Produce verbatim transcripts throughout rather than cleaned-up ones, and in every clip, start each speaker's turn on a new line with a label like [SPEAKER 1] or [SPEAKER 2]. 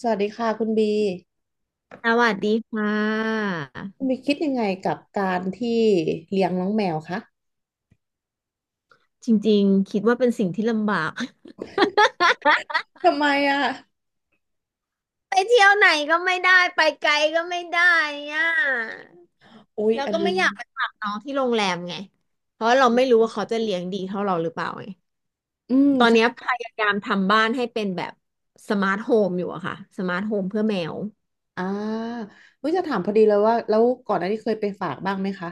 [SPEAKER 1] สวัสดีค่ะคุณบี
[SPEAKER 2] สวัสดีค่ะ
[SPEAKER 1] คุณบีคิดยังไงกับการที่เลี้ยงน้องแมวคะ
[SPEAKER 2] จริงๆคิดว่าเป็นสิ่งที่ลำบาก
[SPEAKER 1] ทำไมอ่ะ
[SPEAKER 2] ไปเที่ยวไหนก็ไม่ได้ไปไกลก็ไม่ได้อ่ะ
[SPEAKER 1] อุ๊ย
[SPEAKER 2] แล้ว
[SPEAKER 1] อัน
[SPEAKER 2] ก็
[SPEAKER 1] นี้
[SPEAKER 2] ไม่อยากไปฝากน้องที่โรงแรมไงเพราะเราไม่รู้ว่าเขาจะเลี้ยงดีเท่าเราหรือเปล่าไง
[SPEAKER 1] อืม
[SPEAKER 2] ตอนเนี้ย
[SPEAKER 1] ใช่
[SPEAKER 2] พยายามทำบ้านให้เป็นแบบสมาร์ทโฮมอยู่อะค่ะสมาร์ทโฮมเพื่อแมว
[SPEAKER 1] อ่าวิจะถามพอดีเลยว่าแล้วก่อนหน้านี้เคยไปฝากบ้างไหมคะ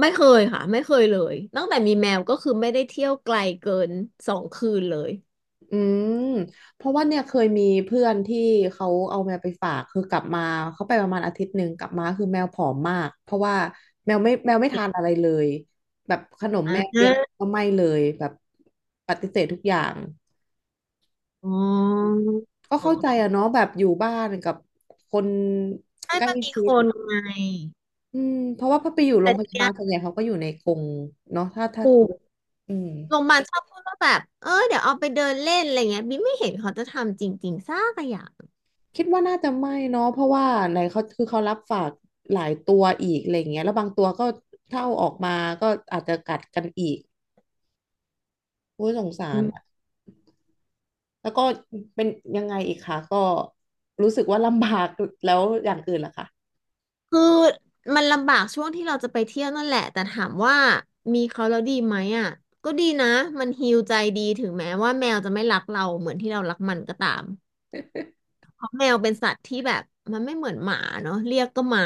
[SPEAKER 2] ไม่เคยค่ะไม่เคยเลยตั้งแต่มีแมวก็คือไม่ได้เที่ยวไกลเกินสองคืนเลย
[SPEAKER 1] อืมเพราะว่าเนี่ยเคยมีเพื่อนที่เขาเอาแมวไปฝากคือกลับมาเขาไปประมาณอาทิตย์หนึ่งกลับมาคือแมวผอมมากเพราะว่าแมวไม่แมวไม่ทานอะ ไรเลยแบบขนม
[SPEAKER 2] อ่
[SPEAKER 1] แมวเลียน
[SPEAKER 2] า
[SPEAKER 1] ก็ไม่เลยแบบปฏิเสธทุกอย่าง
[SPEAKER 2] อ๋อ
[SPEAKER 1] ก็เข้าใจอะเนาะแบบอยู่บ้านกับคน
[SPEAKER 2] ให้
[SPEAKER 1] ใกล้
[SPEAKER 2] มันมี
[SPEAKER 1] ชิ
[SPEAKER 2] ค
[SPEAKER 1] ด
[SPEAKER 2] นไง
[SPEAKER 1] อืมเพราะว่าพอไปอยู่โร
[SPEAKER 2] แต่
[SPEAKER 1] งพ
[SPEAKER 2] ที
[SPEAKER 1] ยา
[SPEAKER 2] เนี้
[SPEAKER 1] บา
[SPEAKER 2] ย
[SPEAKER 1] ลส่วนใหญ่เขาก็อยู่ในกรงเนาะถ้าถ้า
[SPEAKER 2] ถูก
[SPEAKER 1] อืม
[SPEAKER 2] โรงพยาบาลชอบพูดว่าแบบเออเดี๋ยวเอาไปเดินเล่นอะไรเงี้ยบิ๊มไม่เห็นเขาจะทำจริงๆสักอย่าง
[SPEAKER 1] คิดว่าน่าจะไม่เนาะเพราะว่าไหนเขาคือเขารับฝากหลายตัวอีกอะไรอย่างเงี้ยแล้วบางตัวก็ถ้าเอาออกมาก็อาจจะกัดกันอีกโอ้ยสงสา
[SPEAKER 2] อื
[SPEAKER 1] รอะ
[SPEAKER 2] ม
[SPEAKER 1] แล้วก็เป็นยังไงอีกคะก็รู้สึกว่าลำบากแล้วอย่างอื่นล่ะคะ
[SPEAKER 2] คือมันลำบากช่วงที่เราจะไปเที่ยวนั่นแหละแต่ถามว่ามีเขาแล้วดีไหมอ่ะก็ดีนะมันฮีลใจดีถึงแม้ว่าแมวจะไม่รักเราเหมือนที่เรารักมันก็ตามเพราะแมวเป็นสัตว์ที่แบบมันไม่เหมือนหมาเนาะเรียกก็มา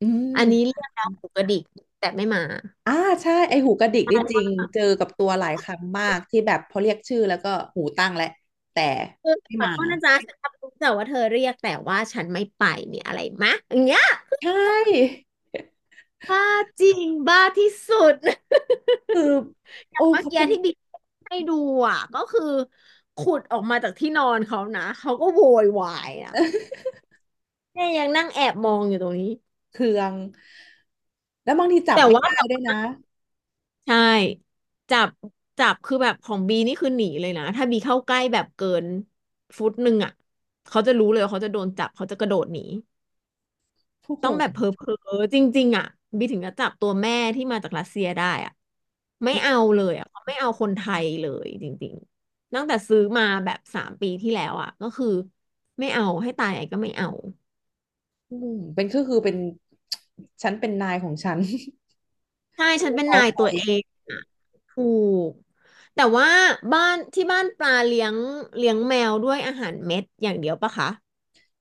[SPEAKER 1] อื
[SPEAKER 2] อันนี้เรี
[SPEAKER 1] ม
[SPEAKER 2] ยกแล้วหูกระดิกแต่ไม่มา
[SPEAKER 1] อ่าใช่ไอหูกระดิก
[SPEAKER 2] ได
[SPEAKER 1] ได้จริงเจอ
[SPEAKER 2] ้
[SPEAKER 1] กับตัวหลายครั้งมากที่แบบพอเรียกชื่อแล้วก็หูตั้งแล้วแต่
[SPEAKER 2] คือ
[SPEAKER 1] ไม่
[SPEAKER 2] ขอ
[SPEAKER 1] มา
[SPEAKER 2] โทษนะจ๊ะฉันรับรู้แต่ว่าเธอเรียกแต่ว่าฉันไม่ไปเนียอะไรมะอย่างเงี้ย
[SPEAKER 1] ใช่
[SPEAKER 2] บ้าจริงบ้าที่สุด
[SPEAKER 1] คือ
[SPEAKER 2] อ
[SPEAKER 1] โอ้
[SPEAKER 2] ย่างเมื่อ
[SPEAKER 1] เขา
[SPEAKER 2] กี้
[SPEAKER 1] เป็น
[SPEAKER 2] ที่บิ๊กให้ดูอ่ะก็คือขุดออกมาจากที่นอนเขานะเขาก็โวยวายอ่ะ เนี่ยยังนั่งแอบมองอยู่ตรงนี้
[SPEAKER 1] เครืองแล้วบางทีจับ
[SPEAKER 2] แต่
[SPEAKER 1] ไม่
[SPEAKER 2] ว่า
[SPEAKER 1] ได้
[SPEAKER 2] จับ
[SPEAKER 1] ด้วยนะ
[SPEAKER 2] ใช่จับจับคือแบบของบีนี่คือหนีเลยนะถ้าบีเข้าใกล้แบบเกินฟุตหนึ่งอ่ะเขาจะรู้เลยว่าเขาจะโดนจับเขาจะกระโดดหนี
[SPEAKER 1] โอ้โห
[SPEAKER 2] ต้องแบบเพ้อเพ้อจริงๆอ่ะบีถึงจะจับตัวแม่ที่มาจากรัสเซียได้อ่ะไม่เอาเลยอ่ะเขาไม่เอาคนไทยเลยจริงๆตั้งแต่ซื้อมาแบบสามปีที่แล้วอ่ะก็คือไม่เอาให้ตายไอก็ไม่เอา
[SPEAKER 1] อืมเป็นก็คือเป็น ฉันเป็นนายของฉัน
[SPEAKER 2] ใช่ฉั น
[SPEAKER 1] ไม่
[SPEAKER 2] เป็น
[SPEAKER 1] ง้อ
[SPEAKER 2] นาย
[SPEAKER 1] ใคร
[SPEAKER 2] ตัวเองอ่ะถูกแต่ว่าบ้านที่บ้านปลาเลี้ยงเลี้ยงแมวด้วยอาหารเม็ดอย่างเดียวปะคะ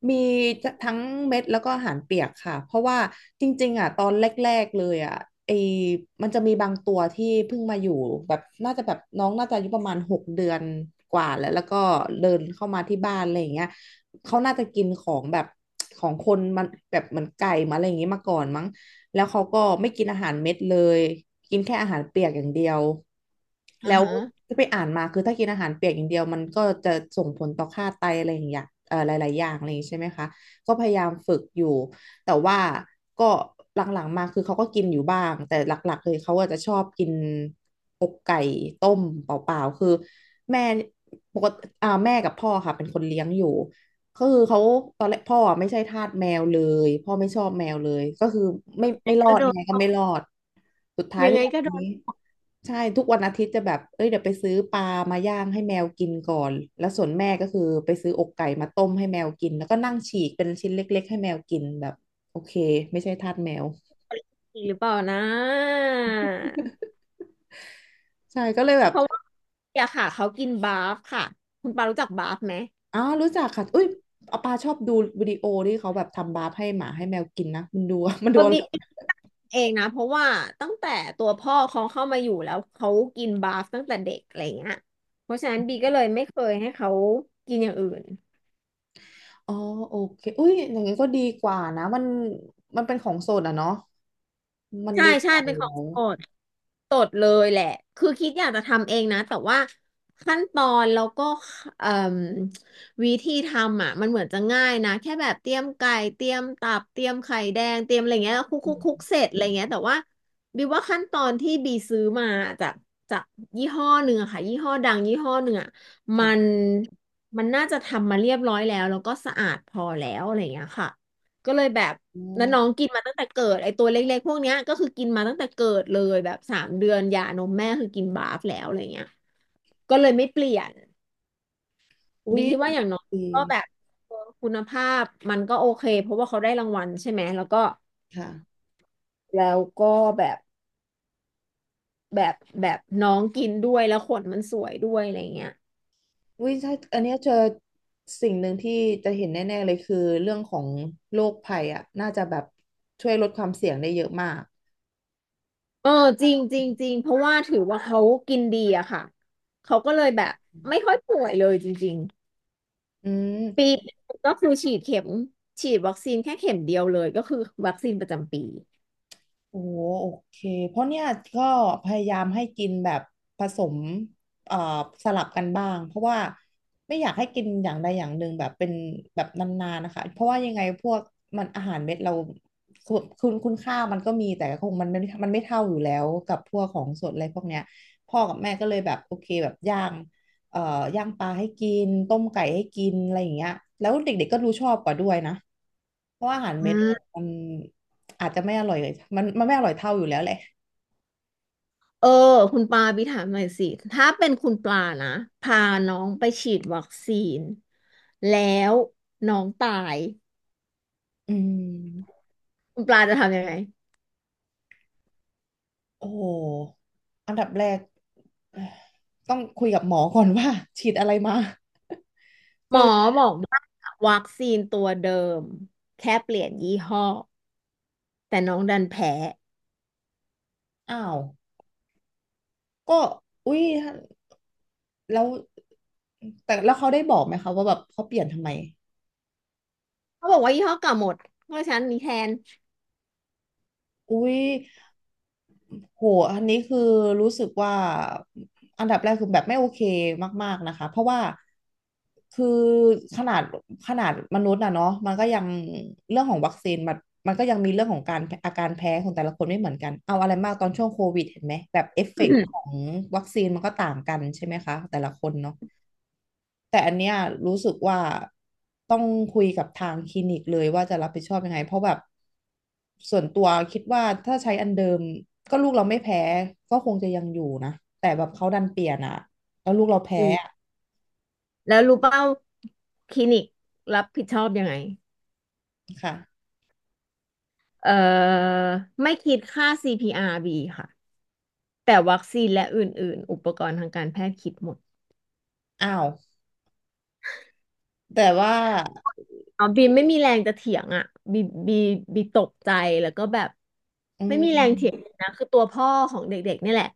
[SPEAKER 1] มีทั้งเม็ดแล้วก็อาหารเปียกค่ะเพราะว่าจริงๆอ่ะตอนแรกๆเลยอ่ะไอมันจะมีบางตัวที่เพิ่งมาอยู่แบบน่าจะแบบน้องน่าจะอายุประมาณหกเดือนกว่าแล้วแล้วก็เดินเข้ามาที่บ้านอะไรอย่างเงี้ยเขาน่าจะกินของแบบของคนมันแบบเหมือนไก่มาอะไรอย่างเงี้ยมาก่อนมั้ง แล้วเขาก็ไม่กินอาหารเม็ดเลย กินแค่อาหารเปียกอย่างเดียว
[SPEAKER 2] อ่า
[SPEAKER 1] แล้ว
[SPEAKER 2] ฮะ
[SPEAKER 1] ที่ไปอ่านมาคือถ้ากินอาหารเปียกอย่างเดียวมันก็จะส่งผลต่อค่าไตอะไรอย่างอย่างเอ่อหลายๆอย่างอะไรอย่างงี้ใช่ไหมคะก็พยายามฝึกอยู่ แต่ว่าก็หลังๆมาคือเขาก็กินอยู่บ้าง แต่หลักๆเลยเขาอาจจะชอบกินอกไก่ต้มเปล่าๆคือแม่ปกติอ่าแม่กับพ่อค่ะเป็นคนเลี้ยงอยู่ ก็คือเขาตอนแรกพ่ออะไม่ใช่ทาสแมวเลยพ่อไม่ชอบแมวเลยก็คือไม่ไม่รอ
[SPEAKER 2] ก็
[SPEAKER 1] ด
[SPEAKER 2] โด
[SPEAKER 1] ยัง
[SPEAKER 2] น
[SPEAKER 1] ไง
[SPEAKER 2] ต
[SPEAKER 1] ก็ไม่
[SPEAKER 2] ก
[SPEAKER 1] รอดสุดท้าย
[SPEAKER 2] ยัง
[SPEAKER 1] ทุ
[SPEAKER 2] ไง
[SPEAKER 1] กวัน
[SPEAKER 2] ก็โด
[SPEAKER 1] นี้
[SPEAKER 2] น
[SPEAKER 1] ใช่ทุกวันอาทิตย์จะแบบเอ้ยเดี๋ยวไปซื้อปลามาย่างให้แมวกินก่อนแล้วส่วนแม่ก็คือไปซื้ออกไก่มาต้มให้แมวกินแล้วก็นั่งฉีกเป็นชิ้นเล็กๆให้แมวกินแบบโอเคไม่ใช่ทาสแมว
[SPEAKER 2] ตีหรือเปล่านะ
[SPEAKER 1] ใช่ก็เลยแบบ
[SPEAKER 2] เพราะ อยากค่ะเขากินบาฟค่ะคุณปารู้จักบาฟไหม
[SPEAKER 1] อ้าวรู้จักค่ะอุ้ยอาปาชอบดูวิดีโอที่เขาแบบทำบาร์ฟให้หมาให้แมวกินนะมันดูมันดู
[SPEAKER 2] ก็เดี๋เองนะเพราะว่าตั้งแต่ตัวพ่อเขาเข้ามาอยู่แล้วเขากินบาฟตั้งแต่เด็กอะไรเงี้ยเพราะฉะนั้นบีก็เลยไม่เคยให้เขากินอย่างอื่น
[SPEAKER 1] อ๋อโอเคอุ้ยอย่างงี้ก็ดีกว่านะมันมันเป็นของสดอะเนาะมัน
[SPEAKER 2] ใช่
[SPEAKER 1] ดีก
[SPEAKER 2] ใช่
[SPEAKER 1] ว่าอ
[SPEAKER 2] เป็น
[SPEAKER 1] ยู่
[SPEAKER 2] ขอ
[SPEAKER 1] แล้
[SPEAKER 2] ง
[SPEAKER 1] ว
[SPEAKER 2] โปรด ตดเลยแหละคือคิดอยากจะทำเองนะแต่ว่าขั้นตอนแล้วก็เอ่มวิธีทำอ่ะมันเหมือนจะง่ายนะแค่แบบเตรียมไก่เตรียมตับเตรียมไข่แดงเตรียมอะไรเงี้ยแล้วคลุกค
[SPEAKER 1] อื
[SPEAKER 2] ลุกคลุก
[SPEAKER 1] ม
[SPEAKER 2] เสร็จอะไรเงี้ยแต่ว่าบีว่าขั้นตอนที่บีซื้อมาจากจากยี่ห้อหนึ่งอะค่ะยี่ห้อดังยี่ห้อหนึ่งอะมั
[SPEAKER 1] ค่ะ
[SPEAKER 2] นมันน่าจะทำมาเรียบร้อยแล้วแล้วก็สะอาดพอแล้วอะไรเงี้ยค่ะก็เลยแบบ
[SPEAKER 1] อ๋
[SPEAKER 2] แล้วน้อง
[SPEAKER 1] อ
[SPEAKER 2] กินมาตั้งแต่เกิดไอตัวเล็กๆพวกเนี้ยก็คือกินมาตั้งแต่เกิดเลยแบบสามเดือนยานมแม่คือกินบาฟแล้วอะไรเงี้ยก็เลยไม่เปลี่ยน
[SPEAKER 1] อุ้
[SPEAKER 2] บี
[SPEAKER 1] ย
[SPEAKER 2] คิดว่าอย่างน้อย
[SPEAKER 1] ดี
[SPEAKER 2] ก็แบบเออคุณภาพมันก็โอเคเพราะว่าเขาได้รางวัลใช่ไหมแล้วก็
[SPEAKER 1] ค่ะ
[SPEAKER 2] แล้วก็แบบแบบแบบน้องกินด้วยแล้วขนมันสวยด้วยอะไรเงี้ย
[SPEAKER 1] อุ้ยถ้าอันเนี้ยเจอสิ่งหนึ่งที่จะเห็นแน่ๆเลยคือเรื่องของโรคภัยอะน่าจะแบบช่วยลดความเสี่ยงได้เยอะมาก
[SPEAKER 2] เออจริงจริงจริงเพราะว่าถือว่าเขากินดีอะค่ะเขาก็เลยแบบไม่ค่อยป่วยเลยจริง
[SPEAKER 1] อื
[SPEAKER 2] ปี
[SPEAKER 1] ม
[SPEAKER 2] หนึ่งก็คือฉีดเข็มฉีดวัคซีนแค่เข็มเดียวเลยก็คือวัคซีนประจำปี
[SPEAKER 1] โอ้โอเคเพราะเนี่ยก็พยายามให้กินแบบผสมเอ่อสลับกันบ้างเพราะว่าไม่อยากให้กินอย่างใดอย่างหนึ่งแบบเป็นแบบนานๆนะคะเพราะว่ายังไงพวกมันอาหารเม็ดเราคุณคุณคุณค่ามันก็มีแต่คงมันไม่มันไม่เท่าอยู่แล้วกับพวกของสดอะไรพวกเนี้ยพ่อกับแม่ก็เลยแบบโอเคแบบย่างเอ่อย่างปลาให้กินต้มไก่ให้กินอะไรอย่างเงี้ยแล้วเด็กๆก็รูชอบกว่าด้วยนะเพราะว่าอาหารเม็
[SPEAKER 2] อื
[SPEAKER 1] ด
[SPEAKER 2] ม
[SPEAKER 1] มัน อาจจะไม่อร่อยเลยมันมันไม่อร่อยเท่าอยู่แล้วแหละ
[SPEAKER 2] เออคุณปาบีถามหน่อยสิถ้าเป็นคุณปลานะพาน้องไปฉีดวัคซีนแล้วน้องตาย
[SPEAKER 1] อืม
[SPEAKER 2] คุณปลาจะทำยังไง
[SPEAKER 1] โอ้โหอันดับแรกเอ่อต้องคุยกับหมอก่อนว่า ฉีดอะไรมา
[SPEAKER 2] หม
[SPEAKER 1] คือ
[SPEAKER 2] อบอกว่าวัคซีนตัวเดิมแค่เปลี่ยนยี่ห้อแต่น้องดันแพ้
[SPEAKER 1] อ้าวก็อุ้ยแล้วแต่แล้วเขาได้บอกไหมคะว่าแบบเขาเปลี่ยนทำไม
[SPEAKER 2] เขาบอกว่ายี่ห้อเก่าหมดเพราะฉะนั้นมีแทน
[SPEAKER 1] อุ๊ยโหอันนี้คือรู้สึกว่าอันดับแรกคือแบบไม่โอเคมากๆนะคะ เพราะว่าคือขนาดขนาดมนุษย์น่ะเนาะมันก็ยังเรื่องของวัคซีนมันมันก็ยังมีเรื่องของการอาการแพ้ของแต่ละคนไม่เหมือนกันเอาอะไรมากตอนช่วงโควิดเห็นไหมแบบเอฟเฟกต์ของ วัคซีนมันก็ต่างกันใช่ไหมคะแต่ละคนเนาะ แต่อันเนี้ยรู้สึกว่าต้องคุยกับทางคลินิกเลยว่าจะรับผิดชอบยังไงเพราะแบบส่วนตัวคิดว่าถ้าใช้อันเดิมก็ลูกเราไม่แพ้ก็คงจะยังอยู่นะแต่แบบเขาดันเปลี่ยนอ่ะแล้วลูกเราแพ้
[SPEAKER 2] อืมแล้วรู้เปล่าคลินิกรับผิดชอบยังไง
[SPEAKER 1] อะค่ะ
[SPEAKER 2] เอ่อไม่คิดค่า ซี พี อาร์ บี ค่ะแต่วัคซีนและอื่นๆอุปกรณ์ทางการแพทย์คิดหมด
[SPEAKER 1] อ้าวแต่ว่า
[SPEAKER 2] อ๋อบีมไม่มีแรงจะเถียงอ่ะบีบีบีตกใจแล้วก็แบบ
[SPEAKER 1] อื
[SPEAKER 2] ไม่มีแรงเถียงเล
[SPEAKER 1] ม
[SPEAKER 2] ยนะคือตัวพ่อของเด็กๆเนี่ยแหละ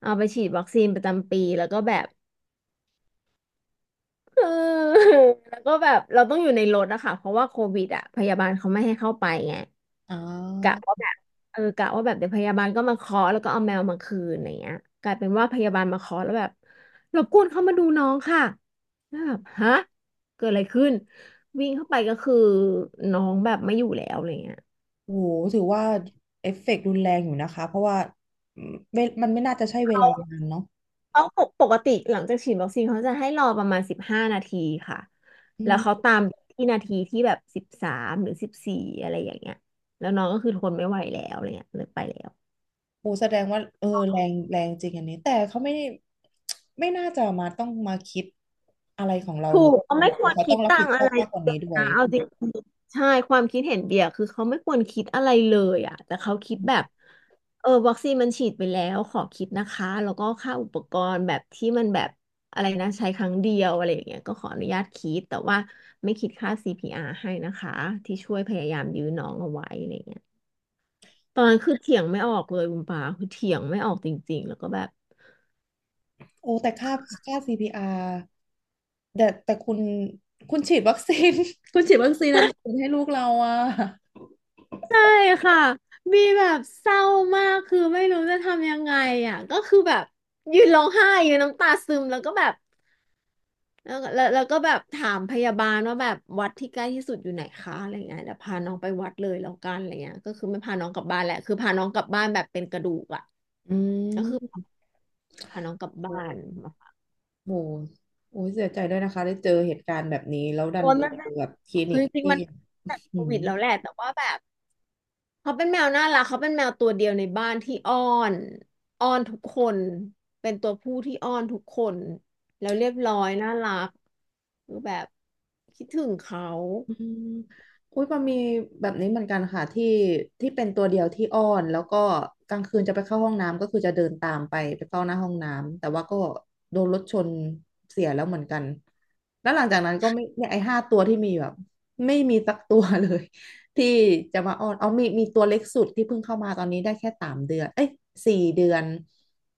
[SPEAKER 2] เอาไปฉีดวัคซีนประจำปีแล้วก็แบบเออแล้วก็แบบเราต้องอยู่ในรถอะค่ะเพราะว่าโควิดอะพยาบาลเขาไม่ให้เข้าไปไง
[SPEAKER 1] อ๋อ
[SPEAKER 2] กะว่าแบบเออกะว่าแบบเดี๋ยวพยาบาลก็มาเคาะแล้วก็เอาแมวมาคืนอะไรเงี้ยกลายเป็นว่าพยาบาลมาเคาะแล้วแบบรบกวนเข้ามาดูน้องค่ะแล้วแบบฮะเกิดอะไรขึ้นวิ่งเข้าไปก็คือน้องแบบไม่อยู่แล้วอะไรเงี้ย
[SPEAKER 1] โหถือว่าเอฟเฟกต์รุนแรงอยู่นะคะเพราะว่าอืมเวมันไม่น่าจะใช่เว
[SPEAKER 2] เขา
[SPEAKER 1] ลานานเนาะ
[SPEAKER 2] เขาปกติหลังจากฉีดวัคซีนเขาจะให้รอประมาณสิบห้านาทีค่ะ
[SPEAKER 1] อื
[SPEAKER 2] แล้วเขา
[SPEAKER 1] ม
[SPEAKER 2] ตามที่นาทีที่แบบสิบสามหรือสิบสี่อะไรอย่างเงี้ยแล้วน้องก็คือทนไม่ไหวแล้วอะไรเงี้ยเลยไปแล้ว
[SPEAKER 1] โอ้แสดงว่าเออแรงแรงจริงอันนี้แต่เขาไม่ได้ไม่น่าจะมาต้องมาคิดอะไรของเรา
[SPEAKER 2] ถู
[SPEAKER 1] เลย
[SPEAKER 2] กเขา
[SPEAKER 1] หรื
[SPEAKER 2] ไม่
[SPEAKER 1] อ
[SPEAKER 2] ควร
[SPEAKER 1] เขา
[SPEAKER 2] คิ
[SPEAKER 1] ต้อ
[SPEAKER 2] ด
[SPEAKER 1] งรับ
[SPEAKER 2] ตั
[SPEAKER 1] ผิ
[SPEAKER 2] ง
[SPEAKER 1] ดช
[SPEAKER 2] อะ
[SPEAKER 1] อ
[SPEAKER 2] ไร
[SPEAKER 1] บมากกว่า
[SPEAKER 2] เล
[SPEAKER 1] นี้
[SPEAKER 2] ย
[SPEAKER 1] ด้วย
[SPEAKER 2] นะเอาจริงๆใช่ความคิดเห็นเบียร์คือเขาไม่ควรคิดอะไรเลยอ่ะแต่เขาคิด
[SPEAKER 1] อื
[SPEAKER 2] แบบ
[SPEAKER 1] ม
[SPEAKER 2] เออวัคซีนมันฉีดไปแล้วขอคิดนะคะแล้วก็ค่าอุปกรณ์แบบที่มันแบบอะไรนะใช้ครั้งเดียวอะไรอย่างเงี้ยก็ขออนุญาตคิดแต่ว่าไม่คิดค่าซีพีอาร์ให้นะคะที่ช่วยพยายามยื้อน้องเอาไว้อะไรเงี้ยตอนนั้นคือเถียงไม่ออกเลยคุณปาคือเถียงไม่ออกจริงๆแล้วก็แบบ
[SPEAKER 1] โอ้แต่ค่าค่า ซี พี อาร์ แต่แต่คุณคุณฉีดวัคซีน คุณฉีดวัคซีนอันอื่นให้ลูกเราอ่ะ
[SPEAKER 2] ใช่ค่ะมีแบบเศร้ามากคือไม่รู้จะทำยังไงอ่ะก็คือแบบยืนร้องไห้ยืนน้ำตาซึมแล้วก็แบบแล้วแล้วแล้วก็แบบถามพยาบาลว่าแบบวัดที่ใกล้ที่สุดอยู่ไหนคะอะไรเงี้ยเดี๋ยวพาน้องไปวัดเลยแล้วกันอะไรเงี้ยก็คือไม่พาน้องกลับบ้านแหละคือพาน้องกลับบ้านแบบเป็นกระดูกอ่ะ
[SPEAKER 1] อื
[SPEAKER 2] ก็คือ
[SPEAKER 1] ม
[SPEAKER 2] พาน้องกลับ
[SPEAKER 1] โอ้
[SPEAKER 2] บ้าน
[SPEAKER 1] โหโอ้ยเสียใจด้วยนะคะได้เจอเหตุการณ์แบบนี้แล้วดั
[SPEAKER 2] โอ้
[SPEAKER 1] น
[SPEAKER 2] ย
[SPEAKER 1] ไป
[SPEAKER 2] มัน
[SPEAKER 1] เจ
[SPEAKER 2] เป็
[SPEAKER 1] อ
[SPEAKER 2] น
[SPEAKER 1] แบบคลินิ
[SPEAKER 2] คือ
[SPEAKER 1] ก
[SPEAKER 2] จริง
[SPEAKER 1] ที่
[SPEAKER 2] ๆมันตั้งแต่โค
[SPEAKER 1] อืม
[SPEAKER 2] วิดแล้วแหละแต่ว่าแบบ เขาเป็นแมวน่ารักเขาเป็นแมวตัวเดียวในบ้านที่อ้อนอ้อนทุกคนเป็นตัวผู้ที่อ้อนทุกคนแล้วเรียบร้อยน่ารักคือแบบคิดถึงเขา
[SPEAKER 1] อืมอุ้ยมันมีแบบนี้เหมือนกันค่ะที่ที่เป็นตัวเดียวที่อ้อนแล้วก็กลางคืนจะไปเข้าห้องน้ำก็คือจะเดินตามไปไปเข้าหน้าห้องน้ำแต่ว่าก็โดนรถชนเสียแล้วเหมือนกันแล้วหลังจากนั้นก็ไม่เนี่ยไอ้ห้าตัวที่มีแบบไม่มีสักตัวเลย ที่จะมาอ้อนเอามีมีตัวเล็กสุดที่เพิ่งเข้ามาตอนนี้ได้แค่สามเดือนเอ้ยสี่เดือน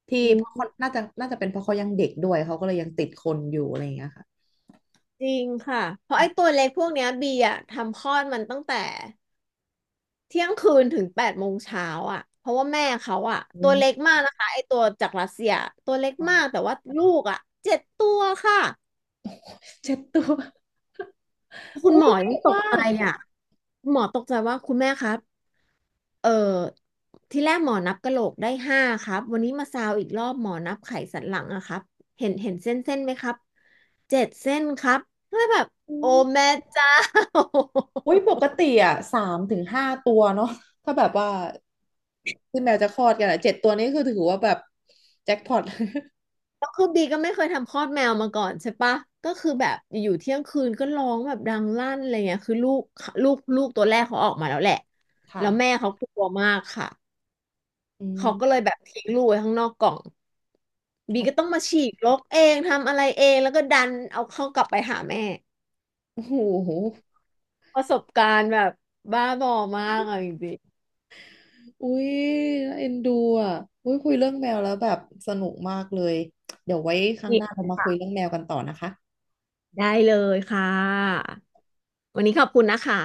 [SPEAKER 1] ที่
[SPEAKER 2] อื
[SPEAKER 1] เพราะเขา
[SPEAKER 2] ม
[SPEAKER 1] น่าจะน่าจะเป็นเพราะเขายังเด็กด้วยเขาก็เลยยังติดคนอยู่อะไรอย่างเงี้ยค่ะ
[SPEAKER 2] จริงค่ะเพราะไอ้ตัวเล็กพวกเนี้ยบีอะทำคลอดมันตั้งแต่เที่ยงคืนถึงแปดโมงเช้าอะเพราะว่าแม่เขาอะ
[SPEAKER 1] อื
[SPEAKER 2] ตัวเล็ก
[SPEAKER 1] ม
[SPEAKER 2] มากนะคะไอ้ตัวจากรัสเซียตัวเล็กมากแต่ว่าลูกอะเจ็ดตัวค่ะ
[SPEAKER 1] เจ็ดตัว
[SPEAKER 2] คุณ
[SPEAKER 1] อุ้
[SPEAKER 2] หม
[SPEAKER 1] ย
[SPEAKER 2] อ
[SPEAKER 1] เย
[SPEAKER 2] ยัง
[SPEAKER 1] อะ
[SPEAKER 2] ตก
[SPEAKER 1] มา
[SPEAKER 2] ใจ
[SPEAKER 1] ก
[SPEAKER 2] อะคุณหมอตกใจว่าคุณแม่ครับ เออที่แรกหมอนับกะโหลกได้ห้าครับวันนี้มาซาวอีกรอบหมอนับไขสันหลังอะครับเห็นเห็นเส้นเส้นไหมครับเจ็ดเส้นครับแล้วแบบ
[SPEAKER 1] อื
[SPEAKER 2] โอ้
[SPEAKER 1] ม
[SPEAKER 2] แม่เจ้า
[SPEAKER 1] อุ้ยปกติอ่ะสามถึงห้าตัวเนาะถ้าแบบว่าที่แมวจะคลอดกันอ่ะเจ็ดตัวนี้คือถือว่าแบบแจ็คพอต
[SPEAKER 2] แล้ว คือบีก็ไม่เคยทำคลอดแมวมาก่อนใช่ปะก็คือแบบอยู่เที่ยงคืนก็ร้องแบบดังลั่นอะไรเงี้ยคือลูกลูกลูกตัวแรกเขาออกมาแล้วแหละ
[SPEAKER 1] ค่ะ
[SPEAKER 2] แล้วแม่เขากลัวมากค่ะ
[SPEAKER 1] อื
[SPEAKER 2] เขาก็เลย
[SPEAKER 1] ม
[SPEAKER 2] แบบทิ้งลูกไว้ข้างนอกกล่องบีก็ต้องมาฉีกรกเองทำอะไรเองแล้วก็ดันเอาเข้ากลับไปหาแม่
[SPEAKER 1] โอ้โห
[SPEAKER 2] ประสบการณ์แบบบ้าบอมากอ่ะจริ
[SPEAKER 1] อุ้ยน่าเอ็นดูอ่ะอุ้ยคุยเรื่องแมวแล้วแบบสนุกมากเลยเดี๋ยวไว้ครั้งหน้า
[SPEAKER 2] ง
[SPEAKER 1] เรามาคุยเรื่องแมวกันต่อนะคะ
[SPEAKER 2] ได้เลยค่ะ วันนี้ขอบคุณนะคะ